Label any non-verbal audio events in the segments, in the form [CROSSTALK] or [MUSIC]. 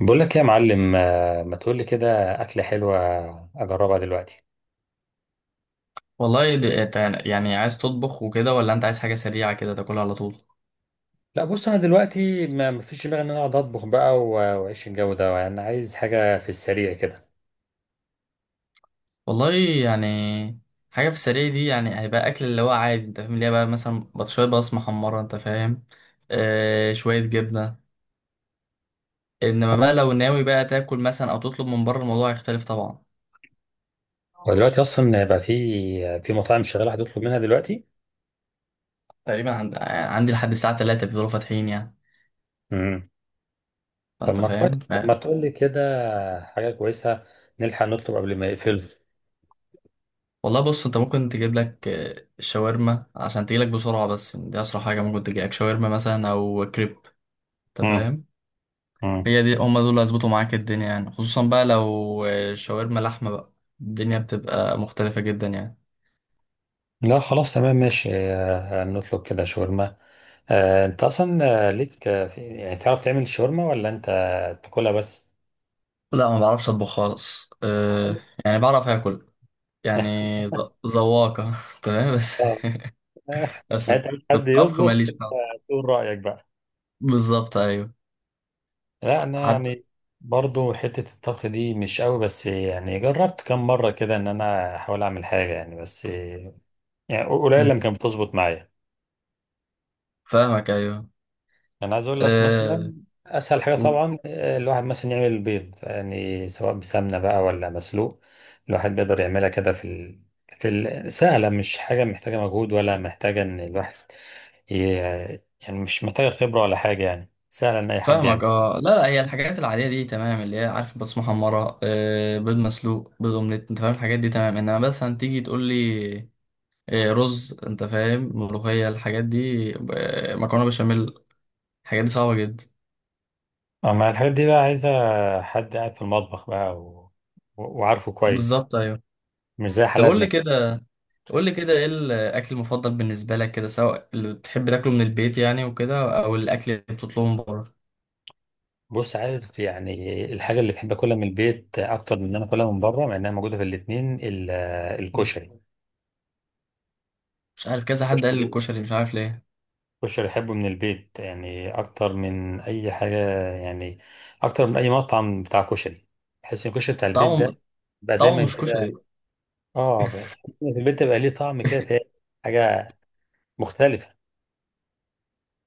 بقول لك إيه يا معلم، ما تقول لي كده. اكله حلوه. اجربها دلوقتي. والله يعني عايز تطبخ وكده ولا انت عايز حاجة سريعة كده تاكلها على طول. لا، بص انا دلوقتي ما فيش دماغي ان انا اقعد اطبخ بقى واعيش الجو ده. انا عايز حاجه في السريع كده. والله يعني حاجة في السريع دي يعني هيبقى أكل اللي هو عادي، انت فاهم، اللي هي بقى مثلا شوية بطاطس محمرة، انت فاهم؟ آه، شوية جبنة. انما بقى لو ناوي بقى تاكل مثلا او تطلب من بره، الموضوع هيختلف طبعا. ودلوقتي اصلا بقى في مطاعم شغاله، هتطلب منها دلوقتي. تقريبا عندي لحد الساعة 3 بيفضلوا فاتحين يعني. امم. طب فانت ما كويس، فاهم. طب ما تقول لي كده. حاجه كويسه، نلحق نطلب قبل ما يقفلوا. والله بص، انت ممكن تجيب لك شاورما عشان تجيلك بسرعة. بس دي أسرع حاجة ممكن تجيلك، شاورما مثلا أو كريب، انت امم، فاهم؟ امم. هي دي هما دول اللي هيظبطوا معاك الدنيا يعني، خصوصا بقى لو شاورما لحمة بقى، الدنيا بتبقى مختلفة جدا يعني. لا خلاص تمام ماشي، نطلب كده شاورما. انت اصلا ليك يعني تعرف تعمل شاورما ولا انت تاكلها بس؟ لا، ما بعرفش اطبخ خالص. أه يعني بعرف اكل يعني، اه. ذواقة [LAUGHS] تمام، بس [LAUGHS] [LAUGHS] بس في انت مش حد الطبخ يطبخ ماليش انت، نقص. تقول رايك بقى. بالظبط، ايوه، لا انا حتى. يعني برضو حته الطبخ دي مش قوي، بس يعني جربت كم مره كده ان انا احاول اعمل حاجه يعني، بس يعني قليل مم. لما كانت بتظبط معايا. فاهمك، ايوه. انا عايز اقول لك مثلا، أه. اسهل حاجه قول. طبعا الواحد مثلا يعمل البيض، يعني سواء بسمنه بقى ولا مسلوق. الواحد بيقدر يعملها كده سهله، مش حاجه محتاجه مجهود ولا محتاجه ان الواحد ي... يعني مش محتاجه خبره ولا حاجه، يعني سهله ان اي حد يعمل. فاهمك، اه. لا لا، هي الحاجات العادية دي تمام، اللي هي عارف، بطاطس محمرة، أه، بيض مسلوق، بيض اومليت، انت فاهم، الحاجات دي تمام. انما بس هتيجي تقول لي إيه، رز، انت فاهم، ملوخية، الحاجات دي، آه، مكرونة بشاميل، الحاجات دي صعبة جدا. اما الحاجات دي بقى عايزه حد قاعد في المطبخ بقى وعارفه كويس. بالظبط، ايوه. مش زي طب قول لي حالاتنا كده. كده، قول لي كده، ايه الاكل المفضل بالنسبة لك كده، سواء اللي بتحب تاكله من البيت يعني وكده، او الاكل اللي بتطلبه من بره؟ بص عارف، يعني الحاجه اللي بحب اكلها من البيت اكتر من ان انا اكلها من بره، مع انها موجوده في الاتنين، مم. الكشري. مش عارف، كذا حد قال لي كشري الكشري، مش عارف ليه. يحبه من البيت، يعني اكتر من اي حاجه، يعني اكتر من اي مطعم بتاع كشري. بحس ان الكشري بتاع البيت طعمه، ده بقى طعمه دايما مش كده. كشري. اه، بحس إن في البيت ده بقى ليه طعم كده تاني، حاجه مختلفه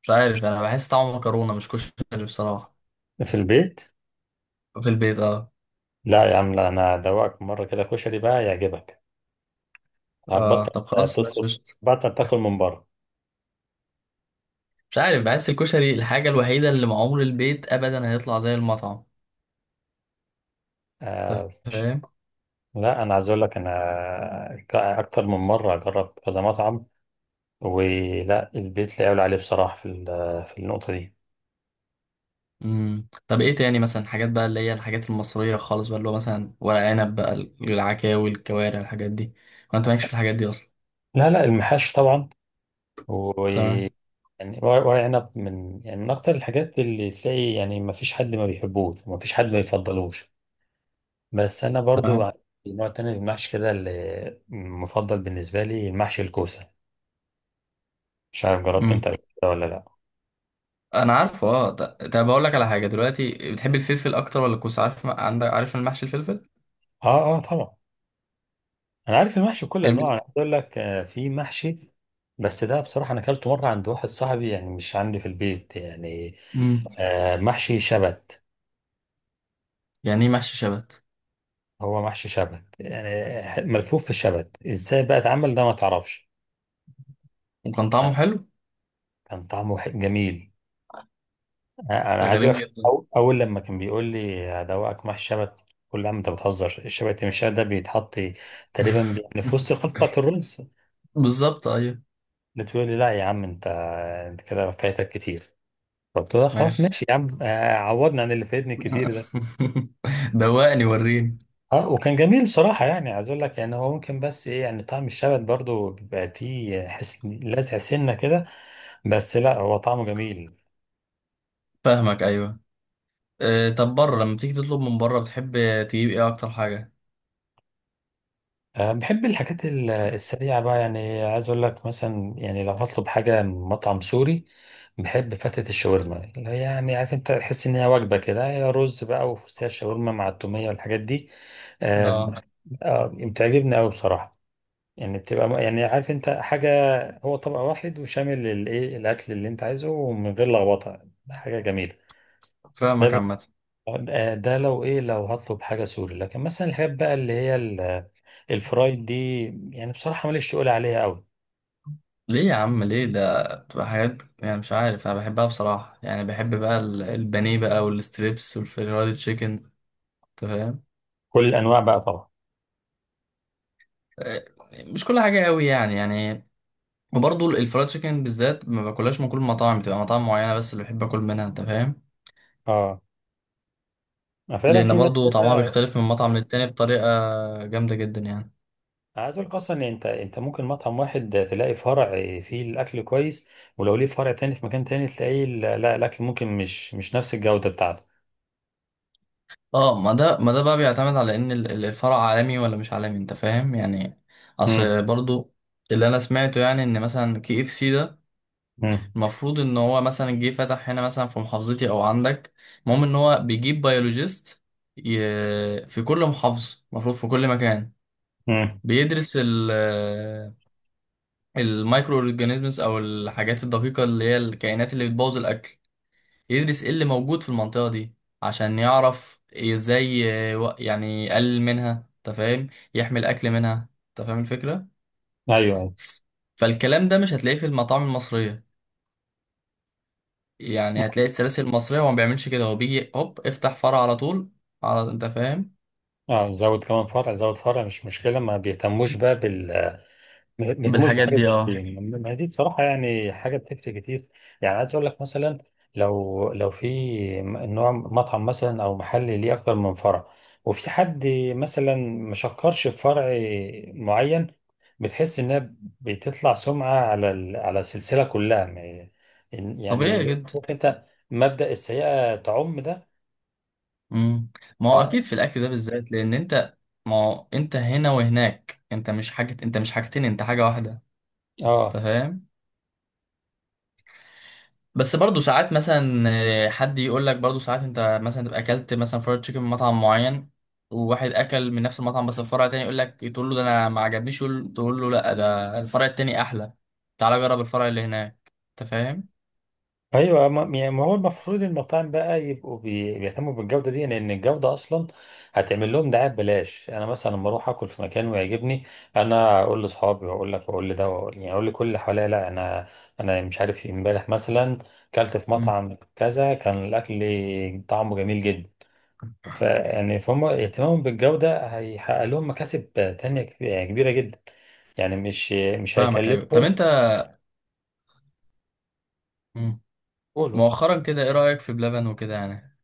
مش عارف، انا بحس طعمه مكرونة مش كشري بصراحة. في البيت. في البيت، اه. لا يا عم، لا انا ادوقك مره كده كشري بقى يعجبك، اه هتبطل طب خلاص، ماشي، تطلب، قشطة. بطل تاكل من بره. مش عارف، بحس الكشري الحاجة الوحيدة اللي مع عمر البيت ابدا هيطلع زي المطعم، انت آه، فاهم؟ لا انا عايز اقول لك انا اكتر من مره اجرب كذا مطعم، ولا البيت لا يعلى عليه بصراحه، في النقطه دي. مم. طب ايه تاني مثلا، حاجات بقى اللي هي الحاجات المصرية خالص بقى، اللي هو مثلا ورق عنب بقى، العكاوي، الكوارع، الحاجات دي، وانت مالكش في الحاجات دي اصلا؟ لا، لا، المحاش طبعا، تمام. ويعني ورق عنب من، يعني من اكتر الحاجات اللي تلاقي، يعني ما فيش حد ما بيحبوش وما فيش حد ما يفضلوش. بس انا برضو تمام. عندي نوع تاني من المحشي كده اللي مفضل بالنسبه لي، المحشي الكوسه. مش عارف جربته مم. انت قبل كده ولا لا؟ انا عارفه، اه. طب اقول لك على حاجة دلوقتي، بتحب الفلفل اكتر ولا الكوسة؟ عارف عندك، عارف المحشي الفلفل، اه، اه، طبعا، انا عارف المحشي كل انواعه. الب- انا عايز اقول لك في محشي، بس ده بصراحه انا اكلته مره عند واحد صاحبي، يعني مش عندي في البيت يعني، مم. محشي شبت. يعني ايه محشي شبت؟ هو محشي شبت، يعني ملفوف في الشبت، ازاي بقى اتعمل ده ما تعرفش. وكان طعمه حلو؟ كان طعمه جميل. انا عايز اقول غريب لك، جدا. اول لما كان بيقول لي هدوقك محشي شبت، كل عم انت بتهزر، الشبت مش ده بيتحط تقريبا في وسط [LAUGHS] الخلطه بتاعت الرز؟ بالظبط، ايوه. بتقول لي لا يا عم انت كده فايتك كتير. فقلت لها خلاص ماشي. ماشي يا عم، عوضني عن اللي فايتني كتير ده. [LAUGHS] دوقني وريني. اه، وكان جميل بصراحة، يعني عايز اقول لك يعني هو ممكن، بس ايه، يعني طعم الشبت برضو بيبقى فيه حس لازع سنة كده، بس لا هو طعمه جميل. فاهمك، ايوه. آه، طب بره، لما بتيجي تطلب من بره، بتحب تجيب ايه اكتر حاجه؟ أه، بحب الحاجات السريعة بقى، يعني عايز اقول لك مثلا، يعني لو هطلب حاجة من مطعم سوري، بحب فتة الشاورما، اللي هي يعني عارف انت، تحس ان هي وجبة كده، هي رز بقى وفستق الشاورما مع التومية والحاجات دي. أه. اه. بتعجبني قوي بصراحة. يعني بتبقى يعني عارف انت حاجة، هو طبق واحد وشامل الايه الاكل اللي انت عايزه ومن غير لخبطة، حاجة جميلة. ده فاهمك ب- عامه. ده لو ايه لو هطلب حاجة سوري. لكن مثلا الحاجات بقى اللي هي الفرايد دي، يعني بصراحة ماليش تقول عليها قوي. ليه يا عم، ليه؟ ده بتبقى حاجات يعني مش عارف، انا بحبها بصراحه يعني، بحب بقى البانيه بقى، والستريبس، والفرايد تشيكن، انت فاهم؟ كل الانواع بقى طبعا. آه، مش كل حاجه قوي يعني يعني. وبرضه الفرايد تشيكن بالذات ما باكلهاش من كل المطاعم، بتبقى مطاعم معينه بس اللي بحب اكل منها، انت فاهم؟ اه، فعلا لان في ناس برضه طعمها كده. بيختلف من مطعم للتاني بطريقه جامده جدا يعني. عايز اقول لك اصلا ان انت ممكن مطعم واحد تلاقي فرع فيه الاكل كويس، ولو ليه فرع تاني في مكان تاني تلاقيه لا، لا، الاكل ممكن مش نفس الجودة بتاعته. اه، ما ده، ما ده بقى بيعتمد على ان الفرع عالمي ولا مش عالمي، انت فاهم يعني؟ مم. اصل برضو اللي انا سمعته يعني، ان مثلا كي اف سي ده مم. المفروض ان هو مثلا جه فتح هنا، مثلا في محافظتي او عندك، المهم ان هو بيجيب بيولوجيست ي... في كل محافظة، المفروض في كل مكان، مم. بيدرس ال المايكرو اورجانيزمز، او الحاجات الدقيقة اللي هي الكائنات اللي بتبوظ الاكل، يدرس ايه اللي موجود في المنطقة دي عشان يعرف ازاي يعني يقلل منها، انت فاهم، يحمل اكل منها، انت فاهم الفكرة؟ ايوه. فالكلام ده مش هتلاقيه في المطاعم المصرية يعني، هتلاقي السلاسل المصرية هو ما بيعملش كده، هو بيجي هوب افتح فرع على طول، على، انت فاهم؟ اه، زود كمان فرع، زود فرع مش مشكله، ما بيهتموش بالحاجات بحاجه دي، زي دي. اه. يعني ما هي دي بصراحه يعني حاجه بتفرق كتير. يعني عايز اقول لك مثلا، لو في نوع مطعم مثلا او محل ليه اكتر من فرع، وفي حد مثلا ما شكرش في فرع معين، بتحس انها بتطلع سمعه على السلسله كلها، يعني طبيعي جدا. عارف انت، مبدأ السيئه تعم ده. مم. ما هو اه، اكيد في الاكل ده بالذات، لان انت، ما هو انت هنا وهناك، انت مش حاجة، انت مش حاجتين، انت حاجة واحدة، انت اه، فاهم؟ بس برضه ساعات مثلا، آه، حد يقول لك برضه ساعات، انت مثلا تبقى اكلت مثلا فرايد تشيكن من مطعم معين، وواحد اكل من نفس المطعم بس الفرع التاني، يقول لك تقول له ده انا ما عجبنيش، تقول له لا، ده الفرع التاني احلى، تعالى جرب الفرع اللي هناك، انت فاهم؟ ايوه، ما يعني ما هو المفروض المطاعم بقى يبقوا بيهتموا بالجوده دي، لان الجوده اصلا هتعمل لهم دعايه ببلاش. انا مثلا لما اروح اكل في مكان ويعجبني، انا اقول لاصحابي، واقول لك، واقول لده، واقول يعني اقول لكل اللي حواليا: لا انا مش عارف إيه، امبارح مثلا كلت في امم. مطعم كذا، كان الاكل طعمه جميل جدا. فيعني فهم اهتمامهم بالجوده هيحقق لهم مكاسب تانيه يعني كبيره جدا، يعني مش فاهمك، ايوه. طب هيكلفهم. انت، مم، قولوا. مؤخرا كده، ايه رايك في بلبن وكده يعني؟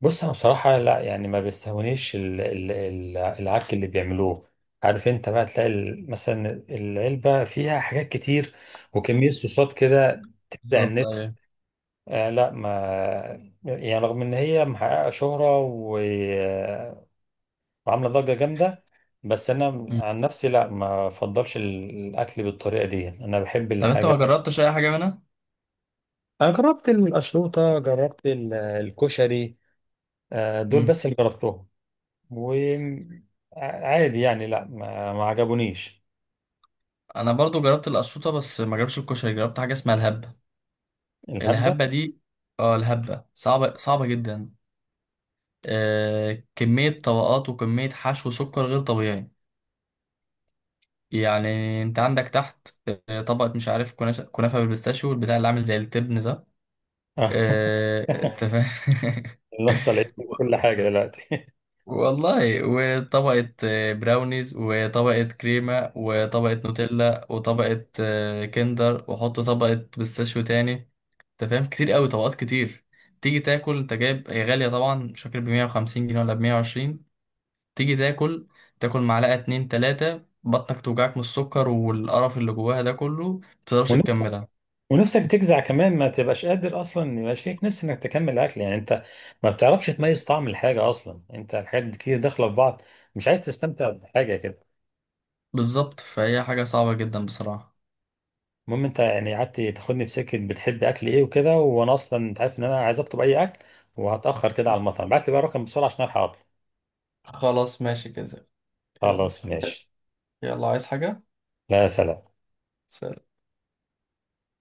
بص انا بصراحه لا، يعني ما بيستهونيش العك اللي بيعملوه. عارف انت بقى تلاقي مثلا العلبه فيها حاجات كتير، وكميه صوصات كده تفزع بالظبط، النفس. ايوه. آه، لا، ما، يعني رغم ان هي محققه شهره وعامله ضجه جامده، بس انا مم. عن نفسي لا، ما بفضلش الاكل بالطريقه دي، انا بحب طب انت ما الحاجه. جربتش اي حاجه منها؟ انا جربت القشروطه، جربت الكشري، دول مم. بس اللي جربتهم. وعادي يعني، لا، ما عجبونيش. انا برضو جربت القشطوطه، بس ما جربتش الكشري. جربت حاجه اسمها الهبه، الهبدة. الهبه دي. اه، الهبه صعبه، صعبه جدا. آه، كمية طبقات وكمية حشو سكر غير طبيعي يعني. انت عندك تحت آه، طبقة مش عارف، كنافة، كنافة بالبيستاشيو والبتاع اللي عامل زي التبن ده، [LAUGHS] آه، انت فاهم؟ النص العيب [LAUGHS] في و- كل حاجة دلوقتي. والله، وطبقة آه، براونيز، وطبقة كريمة، وطبقة نوتيلا، وطبقة آه، كندر، وحط طبقة بيستاشيو تاني، انت فاهم؟ كتير قوي، طبقات كتير. تيجي تاكل، انت جايب، هي غالية طبعا، مش فاكر ب 150 جنيه ولا ب 120. تيجي تاكل، تاكل معلقة اتنين تلاتة، بطنك توجعك من السكر والقرف اللي جواها ده كله، [LAUGHS] متقدرش ون- تكملها. ونفسك تجزع كمان، ما تبقاش قادر أصلا، يبقى شايف نفسك إنك تكمل الأكل. يعني أنت ما بتعرفش تميز طعم الحاجة أصلا، أنت الحاجات دي كتير داخلة في بعض، مش عايز تستمتع بحاجة كده. بالظبط، فهي حاجة صعبة جدا بصراحة. المهم أنت يعني قعدت تاخدني في سكة بتحب أكل إيه وكده، وأنا أصلا أنت عارف إن أنا عايز أطلب أي أكل، وهتأخر كده على المطعم. بعت لي بقى رقم بسرعة عشان ألحق أطلب. خلاص، ماشي كده. يلا. خلاص ماشي. يلا، عايز حاجة؟ لا، سلام. سلام.